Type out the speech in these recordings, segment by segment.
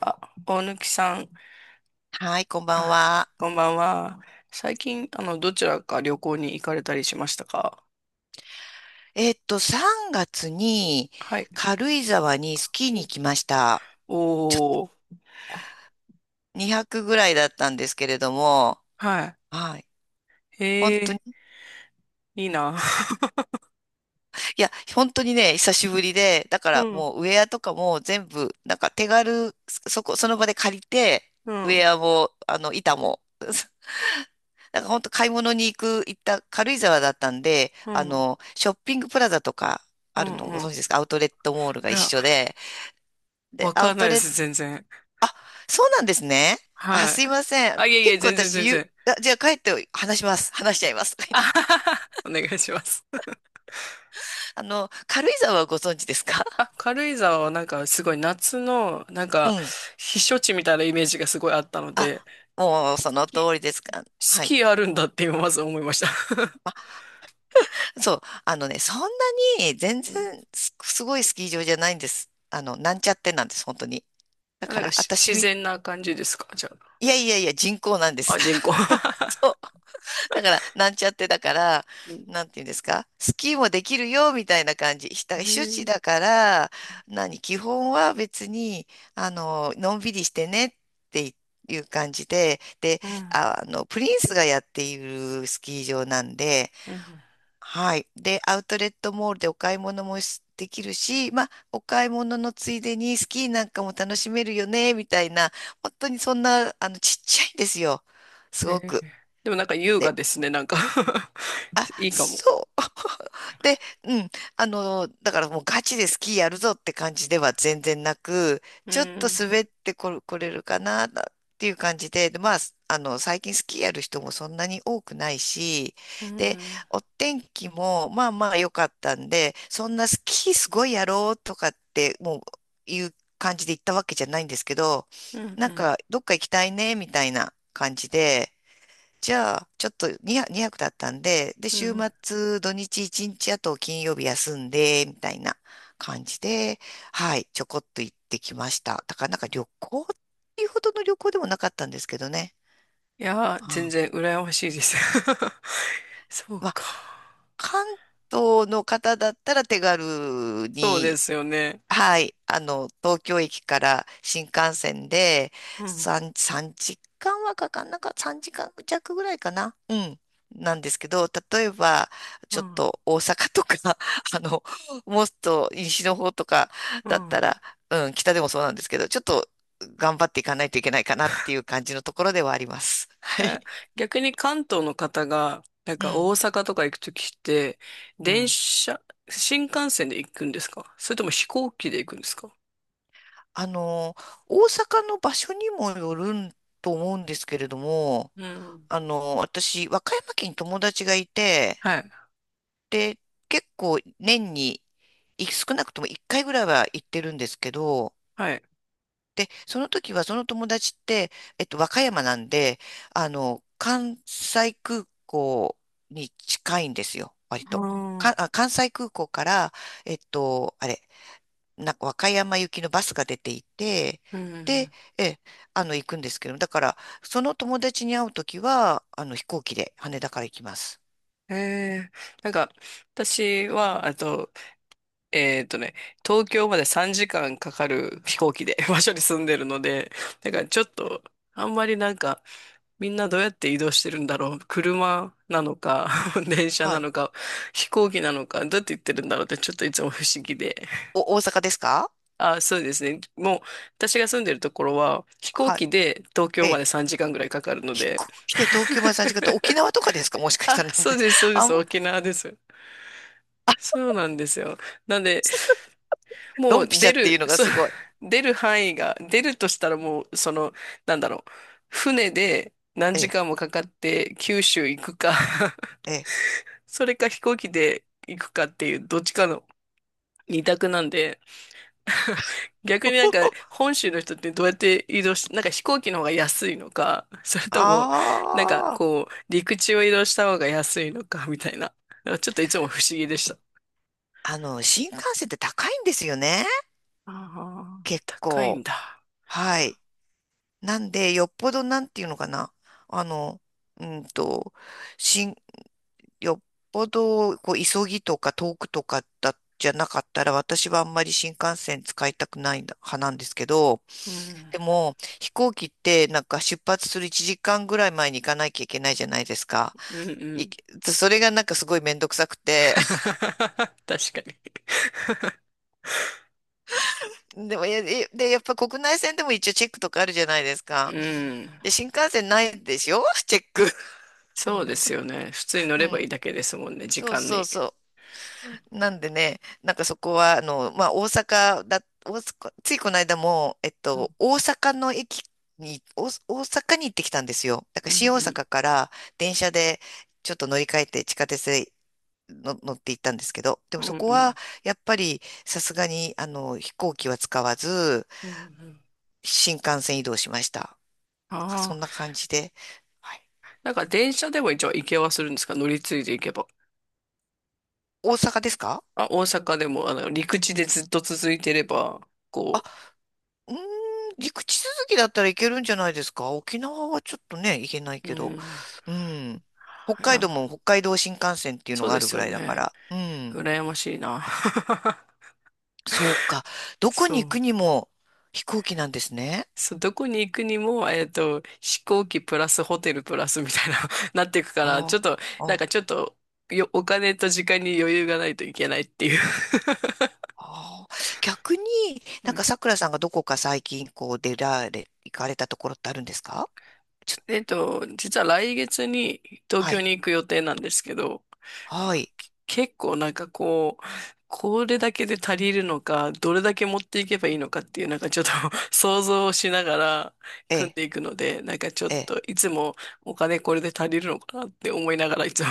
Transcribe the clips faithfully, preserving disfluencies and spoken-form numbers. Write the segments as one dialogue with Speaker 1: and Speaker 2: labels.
Speaker 1: あ、大貫さん、
Speaker 2: はい、こんばん
Speaker 1: あ、
Speaker 2: は。
Speaker 1: こんばんは。最近、あの、どちらか旅行に行かれたりしましたか？
Speaker 2: えっと、さんがつに
Speaker 1: はい。
Speaker 2: 軽井沢にスキーに行きました。
Speaker 1: おおー、
Speaker 2: にひゃくぐらいだったんですけれども、
Speaker 1: は
Speaker 2: はい。
Speaker 1: い。
Speaker 2: 本当に、
Speaker 1: ええ、いいな。
Speaker 2: すいや、本当にね、久しぶりで、だか
Speaker 1: う
Speaker 2: ら
Speaker 1: ん、
Speaker 2: もうウェアとかも全部、なんか手軽、そこ、その場で借りて、
Speaker 1: う
Speaker 2: ウ
Speaker 1: ん、
Speaker 2: ェアも、あの、板も、なんか本当買い物に行く、行った軽井沢だったんで、
Speaker 1: う
Speaker 2: あ
Speaker 1: ん、
Speaker 2: の、ショッピングプラザとか
Speaker 1: う
Speaker 2: ある
Speaker 1: ん、
Speaker 2: のをご
Speaker 1: う
Speaker 2: 存知
Speaker 1: ん。
Speaker 2: ですか？アウトレットモールが
Speaker 1: い
Speaker 2: 一
Speaker 1: や、
Speaker 2: 緒で、で、
Speaker 1: わ
Speaker 2: ア
Speaker 1: か
Speaker 2: ウ
Speaker 1: んな
Speaker 2: ト
Speaker 1: いで
Speaker 2: レッ
Speaker 1: す、全然。
Speaker 2: あ、そうなんですね。あ、
Speaker 1: はい。
Speaker 2: すいません。
Speaker 1: あ、いえいえ、
Speaker 2: 結構
Speaker 1: 全然、
Speaker 2: 私、
Speaker 1: 全
Speaker 2: ゆ、
Speaker 1: 然。
Speaker 2: あ、じゃあ帰って話します。話しちゃいます。
Speaker 1: あは は、はお願いします。
Speaker 2: あの、軽井沢はご存知ですか？
Speaker 1: あ、軽井沢はなんかすごい夏の、なん
Speaker 2: う
Speaker 1: か、
Speaker 2: ん。
Speaker 1: 避暑地みたいなイメージがすごいあったの
Speaker 2: あ、
Speaker 1: で、
Speaker 2: もうそ
Speaker 1: ス
Speaker 2: の
Speaker 1: キ
Speaker 2: 通りですか？
Speaker 1: ス
Speaker 2: はい。
Speaker 1: キーあるんだって今まず思いました。
Speaker 2: そう。あのね、そんなに全 然す、すごいスキー場じゃないんです。あの、なんちゃってなんです、本当に。だ
Speaker 1: な
Speaker 2: か
Speaker 1: んか
Speaker 2: ら、
Speaker 1: し
Speaker 2: 私
Speaker 1: 自
Speaker 2: み、
Speaker 1: 然な感じですか、じゃ
Speaker 2: いやいやいや、人工なんで
Speaker 1: あ。
Speaker 2: す。
Speaker 1: あ、人工。
Speaker 2: だから、なんちゃってだから、
Speaker 1: うん。
Speaker 2: なんていうんですか、スキーもできるよ、みたいな感じ。ひた
Speaker 1: へ
Speaker 2: 避暑地だ
Speaker 1: え。
Speaker 2: から、何、基本は別に、あの、のんびりしてねっていう感じで、で、
Speaker 1: うん。
Speaker 2: あ、あの、プリンスがやっているスキー場なんで、
Speaker 1: うん。
Speaker 2: はい。で、アウトレットモールでお買い物もしできるし、まあ、お買い物のついでにスキーなんかも楽しめるよね、みたいな、本当にそんな、あの、ちっちゃいんですよ。す
Speaker 1: へ
Speaker 2: ご
Speaker 1: え。
Speaker 2: く。
Speaker 1: でもなんか優雅
Speaker 2: で
Speaker 1: ですね、なんか。 いいかも。
Speaker 2: そう。で、うん。あの、だからもうガチでスキーやるぞって感じでは全然なく、
Speaker 1: う
Speaker 2: ちょっと
Speaker 1: ん。
Speaker 2: 滑ってこれ、これるかなっていう感じで、で、まあ、あの、最近スキーやる人もそんなに多くないし、
Speaker 1: う
Speaker 2: で、
Speaker 1: ん。
Speaker 2: お天気もまあまあ良かったんで、そんなスキーすごいやろうとかって、もういう感じで行ったわけじゃないんですけど、
Speaker 1: うん。う
Speaker 2: なん
Speaker 1: ん。
Speaker 2: か、どっか行きたいね、みたいな感じで、じゃあ、ちょっと2、にはくだったんで、で、
Speaker 1: う
Speaker 2: 週
Speaker 1: ん。
Speaker 2: 末、土日いちにち、あと金曜日休んで、みたいな感じで、はい、ちょこっと行ってきました。だからなんか旅行っていうほどの旅行でもなかったんですけどね。
Speaker 1: いやー、
Speaker 2: う
Speaker 1: 全
Speaker 2: ん。
Speaker 1: 然羨ましいです。 そう
Speaker 2: まあ、
Speaker 1: か。
Speaker 2: 関東の方だったら手軽
Speaker 1: そうで
Speaker 2: に、
Speaker 1: すよね。
Speaker 2: はい、あの、東京駅から新幹線で
Speaker 1: うん。
Speaker 2: さん、さんじかんはかかんなかっ、さんじかん弱ぐらいかな。うん。なんですけど、例えば、
Speaker 1: う
Speaker 2: ちょっ
Speaker 1: ん。
Speaker 2: と大阪とか、あの、もっと西の方とか
Speaker 1: う
Speaker 2: だっ
Speaker 1: ん。
Speaker 2: たら、うん、北でもそうなんですけど、ちょっと頑張っていかないといけないかなっていう感じのところではあります。はい。
Speaker 1: え、逆に関東の方が、なん
Speaker 2: う
Speaker 1: か
Speaker 2: ん、
Speaker 1: 大阪とか行くときって、
Speaker 2: う
Speaker 1: 電
Speaker 2: ん。
Speaker 1: 車、新幹線で行くんですか？それとも飛行機で行くんですか？
Speaker 2: あの、大阪の場所にもよるんと思うんですけれども、
Speaker 1: うん。
Speaker 2: あの、私、和歌山県に友達がいて、
Speaker 1: はい。
Speaker 2: で、結構年にい少なくともいっかいぐらいは行ってるんですけど、
Speaker 1: はい。
Speaker 2: で、その時はその友達って、えっと、和歌山なんで、あの、関西空港に近いんですよ、割
Speaker 1: あ
Speaker 2: と。か、
Speaker 1: あ、
Speaker 2: あ、関西空港から、えっと、あれ、なんか和歌山行きのバスが出ていて、
Speaker 1: う
Speaker 2: で、
Speaker 1: ん。
Speaker 2: え、あの、行くんですけど、だから、その友達に会う時は、あの、飛行機で羽田から行きます。
Speaker 1: ええ、なんか、私は、あと、えっとね、東京までさんじかんかんかかる飛行機で 場所に住んでるので、だからちょっと、あんまりなんか、みんなどうやって移動してるんだろう。車なのか、電車
Speaker 2: は
Speaker 1: な
Speaker 2: い。
Speaker 1: のか、飛行機なのか、どうやって行ってるんだろうって、ちょっといつも不思議で。
Speaker 2: お、大阪ですか？
Speaker 1: あ、そうですね。もう、私が住んでるところは、飛行
Speaker 2: はい。
Speaker 1: 機で東
Speaker 2: え
Speaker 1: 京ま
Speaker 2: え。
Speaker 1: でさんじかんぐらいかかるの
Speaker 2: 飛
Speaker 1: で、
Speaker 2: 行機で東京までさんじかんって沖縄とかですか？もしかした
Speaker 1: あ、
Speaker 2: ら。なん
Speaker 1: そう
Speaker 2: で。
Speaker 1: です、そ うで
Speaker 2: あ
Speaker 1: す、
Speaker 2: んま、
Speaker 1: 沖縄です。そうなんですよ。なんで、も
Speaker 2: ドンピ
Speaker 1: う
Speaker 2: シ
Speaker 1: 出
Speaker 2: ャっていう
Speaker 1: る、
Speaker 2: のが
Speaker 1: そう、
Speaker 2: すごい。
Speaker 1: 出る範囲が、出るとしたらもう、その、なんだろう、船で何
Speaker 2: え
Speaker 1: 時
Speaker 2: え、
Speaker 1: 間もかかって九州行くか、
Speaker 2: ええ。
Speaker 1: それか飛行機で行くかっていう、どっちかの二択なんで、逆になんか 本州の人ってどうやって移動し、なんか飛行機の方が安いのか、それともなんか
Speaker 2: ああ、
Speaker 1: こう陸地を移動した方が安いのか、 みたいな。なんかちょっといつも不思議でした。
Speaker 2: あの、新幹線って高いんですよね。
Speaker 1: ああ、
Speaker 2: 結
Speaker 1: 高いん
Speaker 2: 構。
Speaker 1: だ。
Speaker 2: はい。なんで、よっぽどなんていうのかな。あの、うんと、新、よっぽど、こう、急ぎとか遠くとかだ、じゃなかったら、私はあんまり新幹線使いたくない派なんですけど、
Speaker 1: うん。
Speaker 2: でも、飛行機ってなんか出発するいちじかんぐらい前に行かなきゃいけないじゃないですか。
Speaker 1: うん、う
Speaker 2: い
Speaker 1: ん。
Speaker 2: それがなんかすごいめんどくさくて。
Speaker 1: 確かに。
Speaker 2: でも、いやいで、やっぱ国内線でも一応チェックとかあるじゃないです
Speaker 1: う
Speaker 2: か。
Speaker 1: ん。
Speaker 2: で、新幹線ないでしょ？ チェック。
Speaker 1: そうですよね。普通に 乗
Speaker 2: う
Speaker 1: ればいい
Speaker 2: ん。
Speaker 1: だけですもんね、時
Speaker 2: そう
Speaker 1: 間
Speaker 2: そう
Speaker 1: に。
Speaker 2: そう。なんでね、なんかそこは、あの、まあ、大阪だ、大阪、ついこの間も、えっと、大阪の駅に、大大阪に行ってきたんですよ。だから
Speaker 1: う
Speaker 2: 新大阪
Speaker 1: ん、
Speaker 2: から電車でちょっと乗り換えて地下鉄での乗って行ったんですけど、でも
Speaker 1: うん。う
Speaker 2: そ
Speaker 1: ん、
Speaker 2: こ
Speaker 1: う
Speaker 2: は
Speaker 1: ん。
Speaker 2: やっぱりさすがにあの飛行機は使わず
Speaker 1: うん、うん。
Speaker 2: 新幹線移動しました。なんかそ
Speaker 1: あ
Speaker 2: ん
Speaker 1: あ、
Speaker 2: な感じで。はい。
Speaker 1: なんか電車でも一応行けはするんですか、乗り継いで行けば。
Speaker 2: 大阪ですか？
Speaker 1: あ、大阪でも、あの、陸地でずっと続いてれば、
Speaker 2: あ、
Speaker 1: こ
Speaker 2: うーん、陸地続きだったらいけるんじゃないですか？沖縄はちょっとね、行けない
Speaker 1: う、う
Speaker 2: けど。
Speaker 1: ん、
Speaker 2: うん。北
Speaker 1: い
Speaker 2: 海
Speaker 1: や、
Speaker 2: 道も北海道新幹線っていうの
Speaker 1: そう
Speaker 2: があ
Speaker 1: で
Speaker 2: る
Speaker 1: す
Speaker 2: ぐ
Speaker 1: よ
Speaker 2: らいだか
Speaker 1: ね。
Speaker 2: ら。うん。
Speaker 1: 羨ましいな。
Speaker 2: そうか。どこに
Speaker 1: そ
Speaker 2: 行く
Speaker 1: う。
Speaker 2: にも飛行機なんですね。
Speaker 1: そう、どこに行くにも、えっと、飛行機プラスホテルプラスみたいな、なっていくから、ちょ
Speaker 2: あ
Speaker 1: っと、
Speaker 2: あ。
Speaker 1: なん
Speaker 2: あ
Speaker 1: かちょっと、よ、お金と時間に余裕がないといけないっていう。
Speaker 2: ああ、逆にな
Speaker 1: う
Speaker 2: ん
Speaker 1: ん。
Speaker 2: かさくらさんがどこか最近こう出られ、行かれたところってあるんですか？ちょ、
Speaker 1: えっと、実は来月に東
Speaker 2: は
Speaker 1: 京
Speaker 2: い、
Speaker 1: に行く予定なんですけど、
Speaker 2: はい、
Speaker 1: 結構なんかこう、これだけで足りるのか、どれだけ持っていけばいいのかっていう、なんかちょっと 想像をしながら
Speaker 2: え
Speaker 1: 組ん
Speaker 2: え、
Speaker 1: でいくので、なんかちょっ
Speaker 2: ええ、
Speaker 1: といつもお金これで足りるのかなって思いながらいつも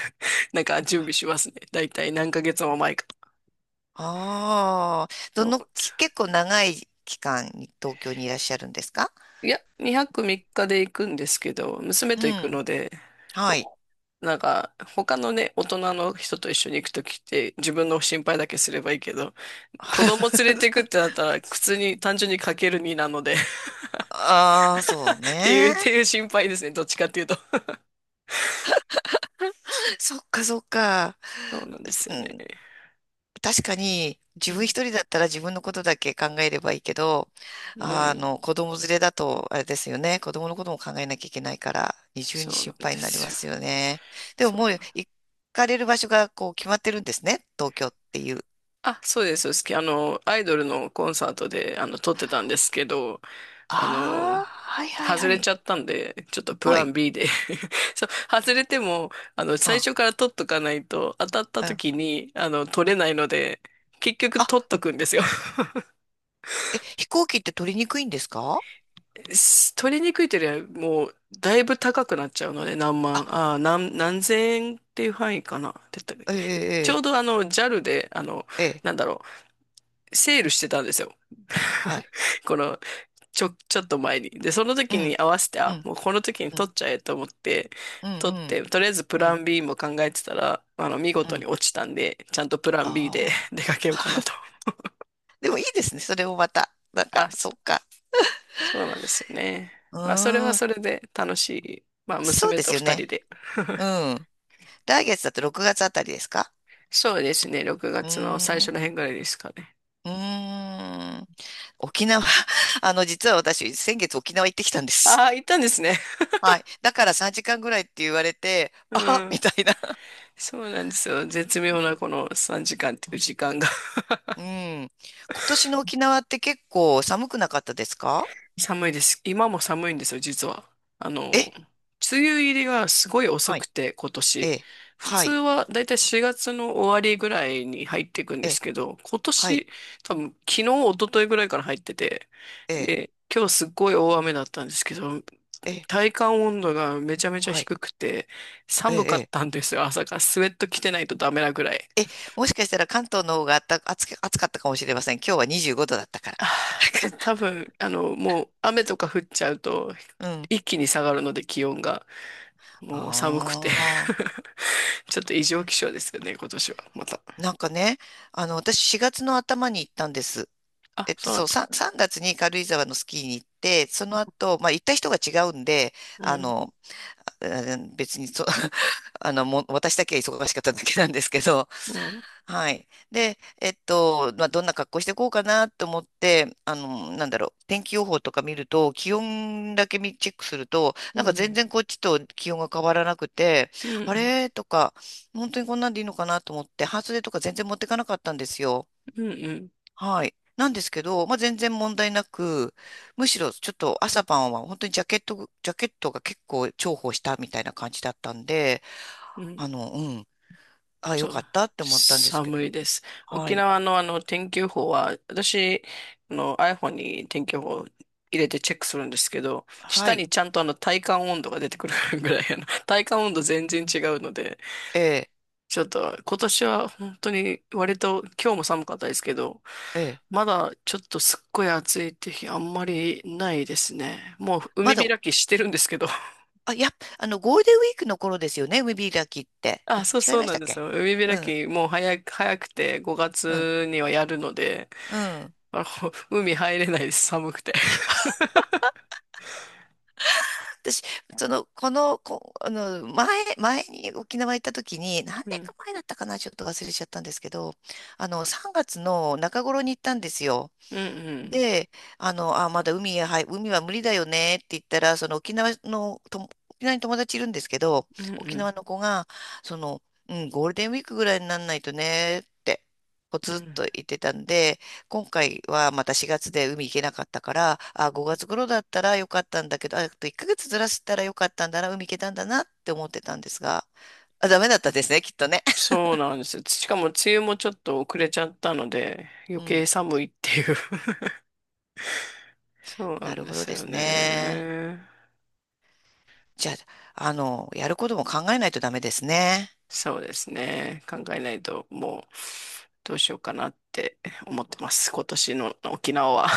Speaker 1: なんか準備しますね。だいたい何ヶ月も前か
Speaker 2: ああ、どの、き
Speaker 1: ら。
Speaker 2: 結構長い期間に東京にいらっしゃるんですか？
Speaker 1: いや、にはくみっかで行くんですけど、娘
Speaker 2: う
Speaker 1: と行く
Speaker 2: ん、
Speaker 1: ので、
Speaker 2: はい。
Speaker 1: こうなんか他のね、大人の人と一緒に行くときって自分の心配だけすればいいけど、子供連れてくっ てなったら、普通に単純にかけるになので、 っ
Speaker 2: ああ、そう
Speaker 1: ていう、っ
Speaker 2: ね。
Speaker 1: ていう心配ですね。どっちかっていうと。
Speaker 2: そっかそっか。
Speaker 1: そうなんですよね。
Speaker 2: 確かに
Speaker 1: う
Speaker 2: 自分一
Speaker 1: ん。
Speaker 2: 人だったら自分のことだけ考えればいいけど、
Speaker 1: う
Speaker 2: あ
Speaker 1: ん。
Speaker 2: の、子供連れだとあれですよね。子供のことも考えなきゃいけないから、二重に
Speaker 1: そうな
Speaker 2: 心
Speaker 1: ん
Speaker 2: 配
Speaker 1: で
Speaker 2: になり
Speaker 1: す
Speaker 2: ま
Speaker 1: よ。
Speaker 2: すよね。でも
Speaker 1: そ
Speaker 2: もう
Speaker 1: う。
Speaker 2: 行かれる場所がこう決まってるんですね。東京っていう。
Speaker 1: あ、そうです。好き。あの、アイドルのコンサートで、あの、撮ってたんですけど、あ
Speaker 2: あ
Speaker 1: の、
Speaker 2: あ、はいはい
Speaker 1: 外
Speaker 2: は
Speaker 1: れち
Speaker 2: い。
Speaker 1: ゃったんで、ちょっとプ
Speaker 2: は
Speaker 1: ラン
Speaker 2: い。
Speaker 1: B で、 そう、外れても、あの、最
Speaker 2: あ、
Speaker 1: 初から撮っとかないと、当たった
Speaker 2: うん。
Speaker 1: 時に、あの、撮れないので、結局撮っ
Speaker 2: あ、
Speaker 1: とくんですよ。
Speaker 2: え、飛行機って取りにくいんですか？
Speaker 1: す取りにくいというよりは、もう、だいぶ高くなっちゃうので、何
Speaker 2: あ、
Speaker 1: 万、ああ、何、何千円っていう範囲かな。って言った
Speaker 2: え
Speaker 1: で、ちょう
Speaker 2: え、
Speaker 1: どあの、ジャル で、あの、
Speaker 2: ええ、ええ、
Speaker 1: なんだろう、セールしてたんですよ。
Speaker 2: はい。
Speaker 1: この、ちょ、ちょっと前に。で、その
Speaker 2: う
Speaker 1: 時
Speaker 2: ん、
Speaker 1: に合わせて、
Speaker 2: う
Speaker 1: あ、
Speaker 2: ん、
Speaker 1: もうこの時に
Speaker 2: うん、
Speaker 1: 取っちゃえと思って、
Speaker 2: うん、
Speaker 1: 取って、とりあえずプ
Speaker 2: うん、う
Speaker 1: ラ
Speaker 2: ん、
Speaker 1: ン B も考えてたら、あの、見
Speaker 2: う
Speaker 1: 事に
Speaker 2: ん。
Speaker 1: 落ちたんで、ちゃんとプラン B で
Speaker 2: あ、
Speaker 1: 出かけようかなと。
Speaker 2: でもいいですね。それもまた。なんか、
Speaker 1: あ、
Speaker 2: そっか。
Speaker 1: そうなんですよね。
Speaker 2: う
Speaker 1: まあ、それは
Speaker 2: ーん。
Speaker 1: それで楽しい。まあ、
Speaker 2: そう
Speaker 1: 娘
Speaker 2: で
Speaker 1: と
Speaker 2: すよ
Speaker 1: 二人
Speaker 2: ね。
Speaker 1: で。
Speaker 2: う ん。来月だとろくがつあたりですか？
Speaker 1: そうですね。6
Speaker 2: う
Speaker 1: 月の最
Speaker 2: ー
Speaker 1: 初
Speaker 2: ん。
Speaker 1: の辺ぐらいですかね。
Speaker 2: うーん。沖縄、あの、実は私、先月沖縄行ってきたんです。
Speaker 1: ああ、行ったんですね。
Speaker 2: はい。だからさんじかんぐらいって言われて、
Speaker 1: う
Speaker 2: あ、
Speaker 1: ん。
Speaker 2: みたいな。
Speaker 1: そうなんですよ。絶
Speaker 2: う
Speaker 1: 妙な
Speaker 2: ん。
Speaker 1: このさんじかんっていう時間が。
Speaker 2: うん。今年の沖縄って結構寒くなかったですか？
Speaker 1: 寒いです。今も寒いんですよ、実は。あ
Speaker 2: え、
Speaker 1: の、梅雨入りがすごい遅
Speaker 2: は
Speaker 1: く
Speaker 2: い。
Speaker 1: て、今
Speaker 2: え
Speaker 1: 年。
Speaker 2: え。
Speaker 1: 普
Speaker 2: は
Speaker 1: 通
Speaker 2: い。
Speaker 1: はだいたいしがつの終わりぐらいに入っていくんで
Speaker 2: え
Speaker 1: す
Speaker 2: え。
Speaker 1: けど、今
Speaker 2: はい。
Speaker 1: 年、多分昨日、一昨日ぐらいから入ってて、
Speaker 2: ええ。
Speaker 1: で、今日すっごい大雨だったんですけど、
Speaker 2: ええ。
Speaker 1: 体感温度がめちゃめちゃ
Speaker 2: はい。
Speaker 1: 低くて、
Speaker 2: え
Speaker 1: 寒か
Speaker 2: え。
Speaker 1: っ
Speaker 2: え
Speaker 1: た
Speaker 2: え
Speaker 1: んですよ、朝から。スウェット着てないとダメなぐらい。
Speaker 2: え、もしかしたら関東の方があった暑か、暑かったかもしれません。今日はにじゅうごどだったから。
Speaker 1: あー、ちょ多 分、あの、もう雨とか降っちゃうと、
Speaker 2: うん。
Speaker 1: 一気に下がるので気温が。もう寒くて、
Speaker 2: ああ。
Speaker 1: ちょっと異常気象ですよね、今年は。また。
Speaker 2: なんかね、あの、私しがつの頭に行ったんです。え
Speaker 1: あ、
Speaker 2: っと、
Speaker 1: そうなん
Speaker 2: そ
Speaker 1: だ。
Speaker 2: う、3、さんがつに軽井沢のスキーに行って、その後、まあ、行った人が違うんで、
Speaker 1: う
Speaker 2: あ
Speaker 1: ん、
Speaker 2: の、あ別にそ、あの、もう私だけは忙しかっただけなんですけど、
Speaker 1: うん、
Speaker 2: はい。で、えっと、まあ、どんな格好していこうかなと思って、あの、なんだろう、天気予報とか見ると、気温だけ見チェックすると、
Speaker 1: う
Speaker 2: なんか全
Speaker 1: ん、
Speaker 2: 然こっちと気温が変わらなくて、
Speaker 1: うん、う
Speaker 2: あ
Speaker 1: ん、
Speaker 2: れとか、本当にこんなんでいいのかなと思って、半袖とか全然持ってかなかったんですよ。
Speaker 1: うん、
Speaker 2: はい。なんですけど、まあ、全然問題なく、むしろちょっと朝晩は本当にジャケット、ジャケットが結構重宝したみたいな感じだったんで、
Speaker 1: うん、うん。
Speaker 2: あの、うん、あ、よ
Speaker 1: そ
Speaker 2: かっ
Speaker 1: う。
Speaker 2: たって思ったんですけど。
Speaker 1: 寒いです。
Speaker 2: は
Speaker 1: 沖
Speaker 2: い。
Speaker 1: 縄のあの天気予報は、私、あの アイフォン に天気予報入れてチェックするんですけど、
Speaker 2: は
Speaker 1: 下
Speaker 2: い。
Speaker 1: にちゃんとあの体感温度が出てくるぐらい、あの体感温度全然違うので、
Speaker 2: ええ、
Speaker 1: ちょっと今年は本当に割と今日も寒かったですけど、
Speaker 2: ええ。
Speaker 1: まだちょっとすっごい暑いって日あんまりないですね。もう
Speaker 2: ま
Speaker 1: 海
Speaker 2: だ、
Speaker 1: 開きしてるんですけど。
Speaker 2: あ、いや、あの、ゴールデンウィークの頃ですよね、海開きって。
Speaker 1: あ、そう
Speaker 2: 違い
Speaker 1: そう
Speaker 2: まし
Speaker 1: な
Speaker 2: た
Speaker 1: ん
Speaker 2: っ
Speaker 1: です
Speaker 2: け？
Speaker 1: よ。海
Speaker 2: う
Speaker 1: 開
Speaker 2: ん、
Speaker 1: きもう早く、早くて5
Speaker 2: うん、
Speaker 1: 月にはやるので、
Speaker 2: うん。
Speaker 1: あの海入れないです、寒くて。
Speaker 2: 私、その、この、こ、あの、前、前に沖縄行った時に、何
Speaker 1: う
Speaker 2: 年
Speaker 1: ん、
Speaker 2: か前だったかな、ちょっと忘れちゃったんですけど、あの、さんがつの中頃に行ったんですよ。
Speaker 1: うん、
Speaker 2: で、あの、あ、まだ海へ、はい、海は無理だよねって言ったら、その沖縄のとも、沖縄に友達いるんですけど、
Speaker 1: うん、うん、う
Speaker 2: 沖
Speaker 1: ん。
Speaker 2: 縄の子が、その、うん、ゴールデンウィークぐらいにならないとねって、ポ
Speaker 1: う
Speaker 2: ツッと
Speaker 1: ん、
Speaker 2: 言ってたんで、今回はまたしがつで海行けなかったから、あ、ごがつ頃だったらよかったんだけど、ああといっかげつずらしたらよかったんだな、海行けたんだなって思ってたんですが、あ、ダメだったですね、きっとね。
Speaker 1: そうなんですよ。しかも梅雨もちょっと遅れちゃったので、余
Speaker 2: う
Speaker 1: 計
Speaker 2: ん、
Speaker 1: 寒いっていう。そうな
Speaker 2: な
Speaker 1: ん
Speaker 2: る
Speaker 1: で
Speaker 2: ほど
Speaker 1: す
Speaker 2: で
Speaker 1: よ
Speaker 2: すね。
Speaker 1: ね。
Speaker 2: じゃあ、あの、やることも考えないとダメですね。
Speaker 1: そうですね。考えないと、もう、どうしようかなって思ってます。今年の沖縄は。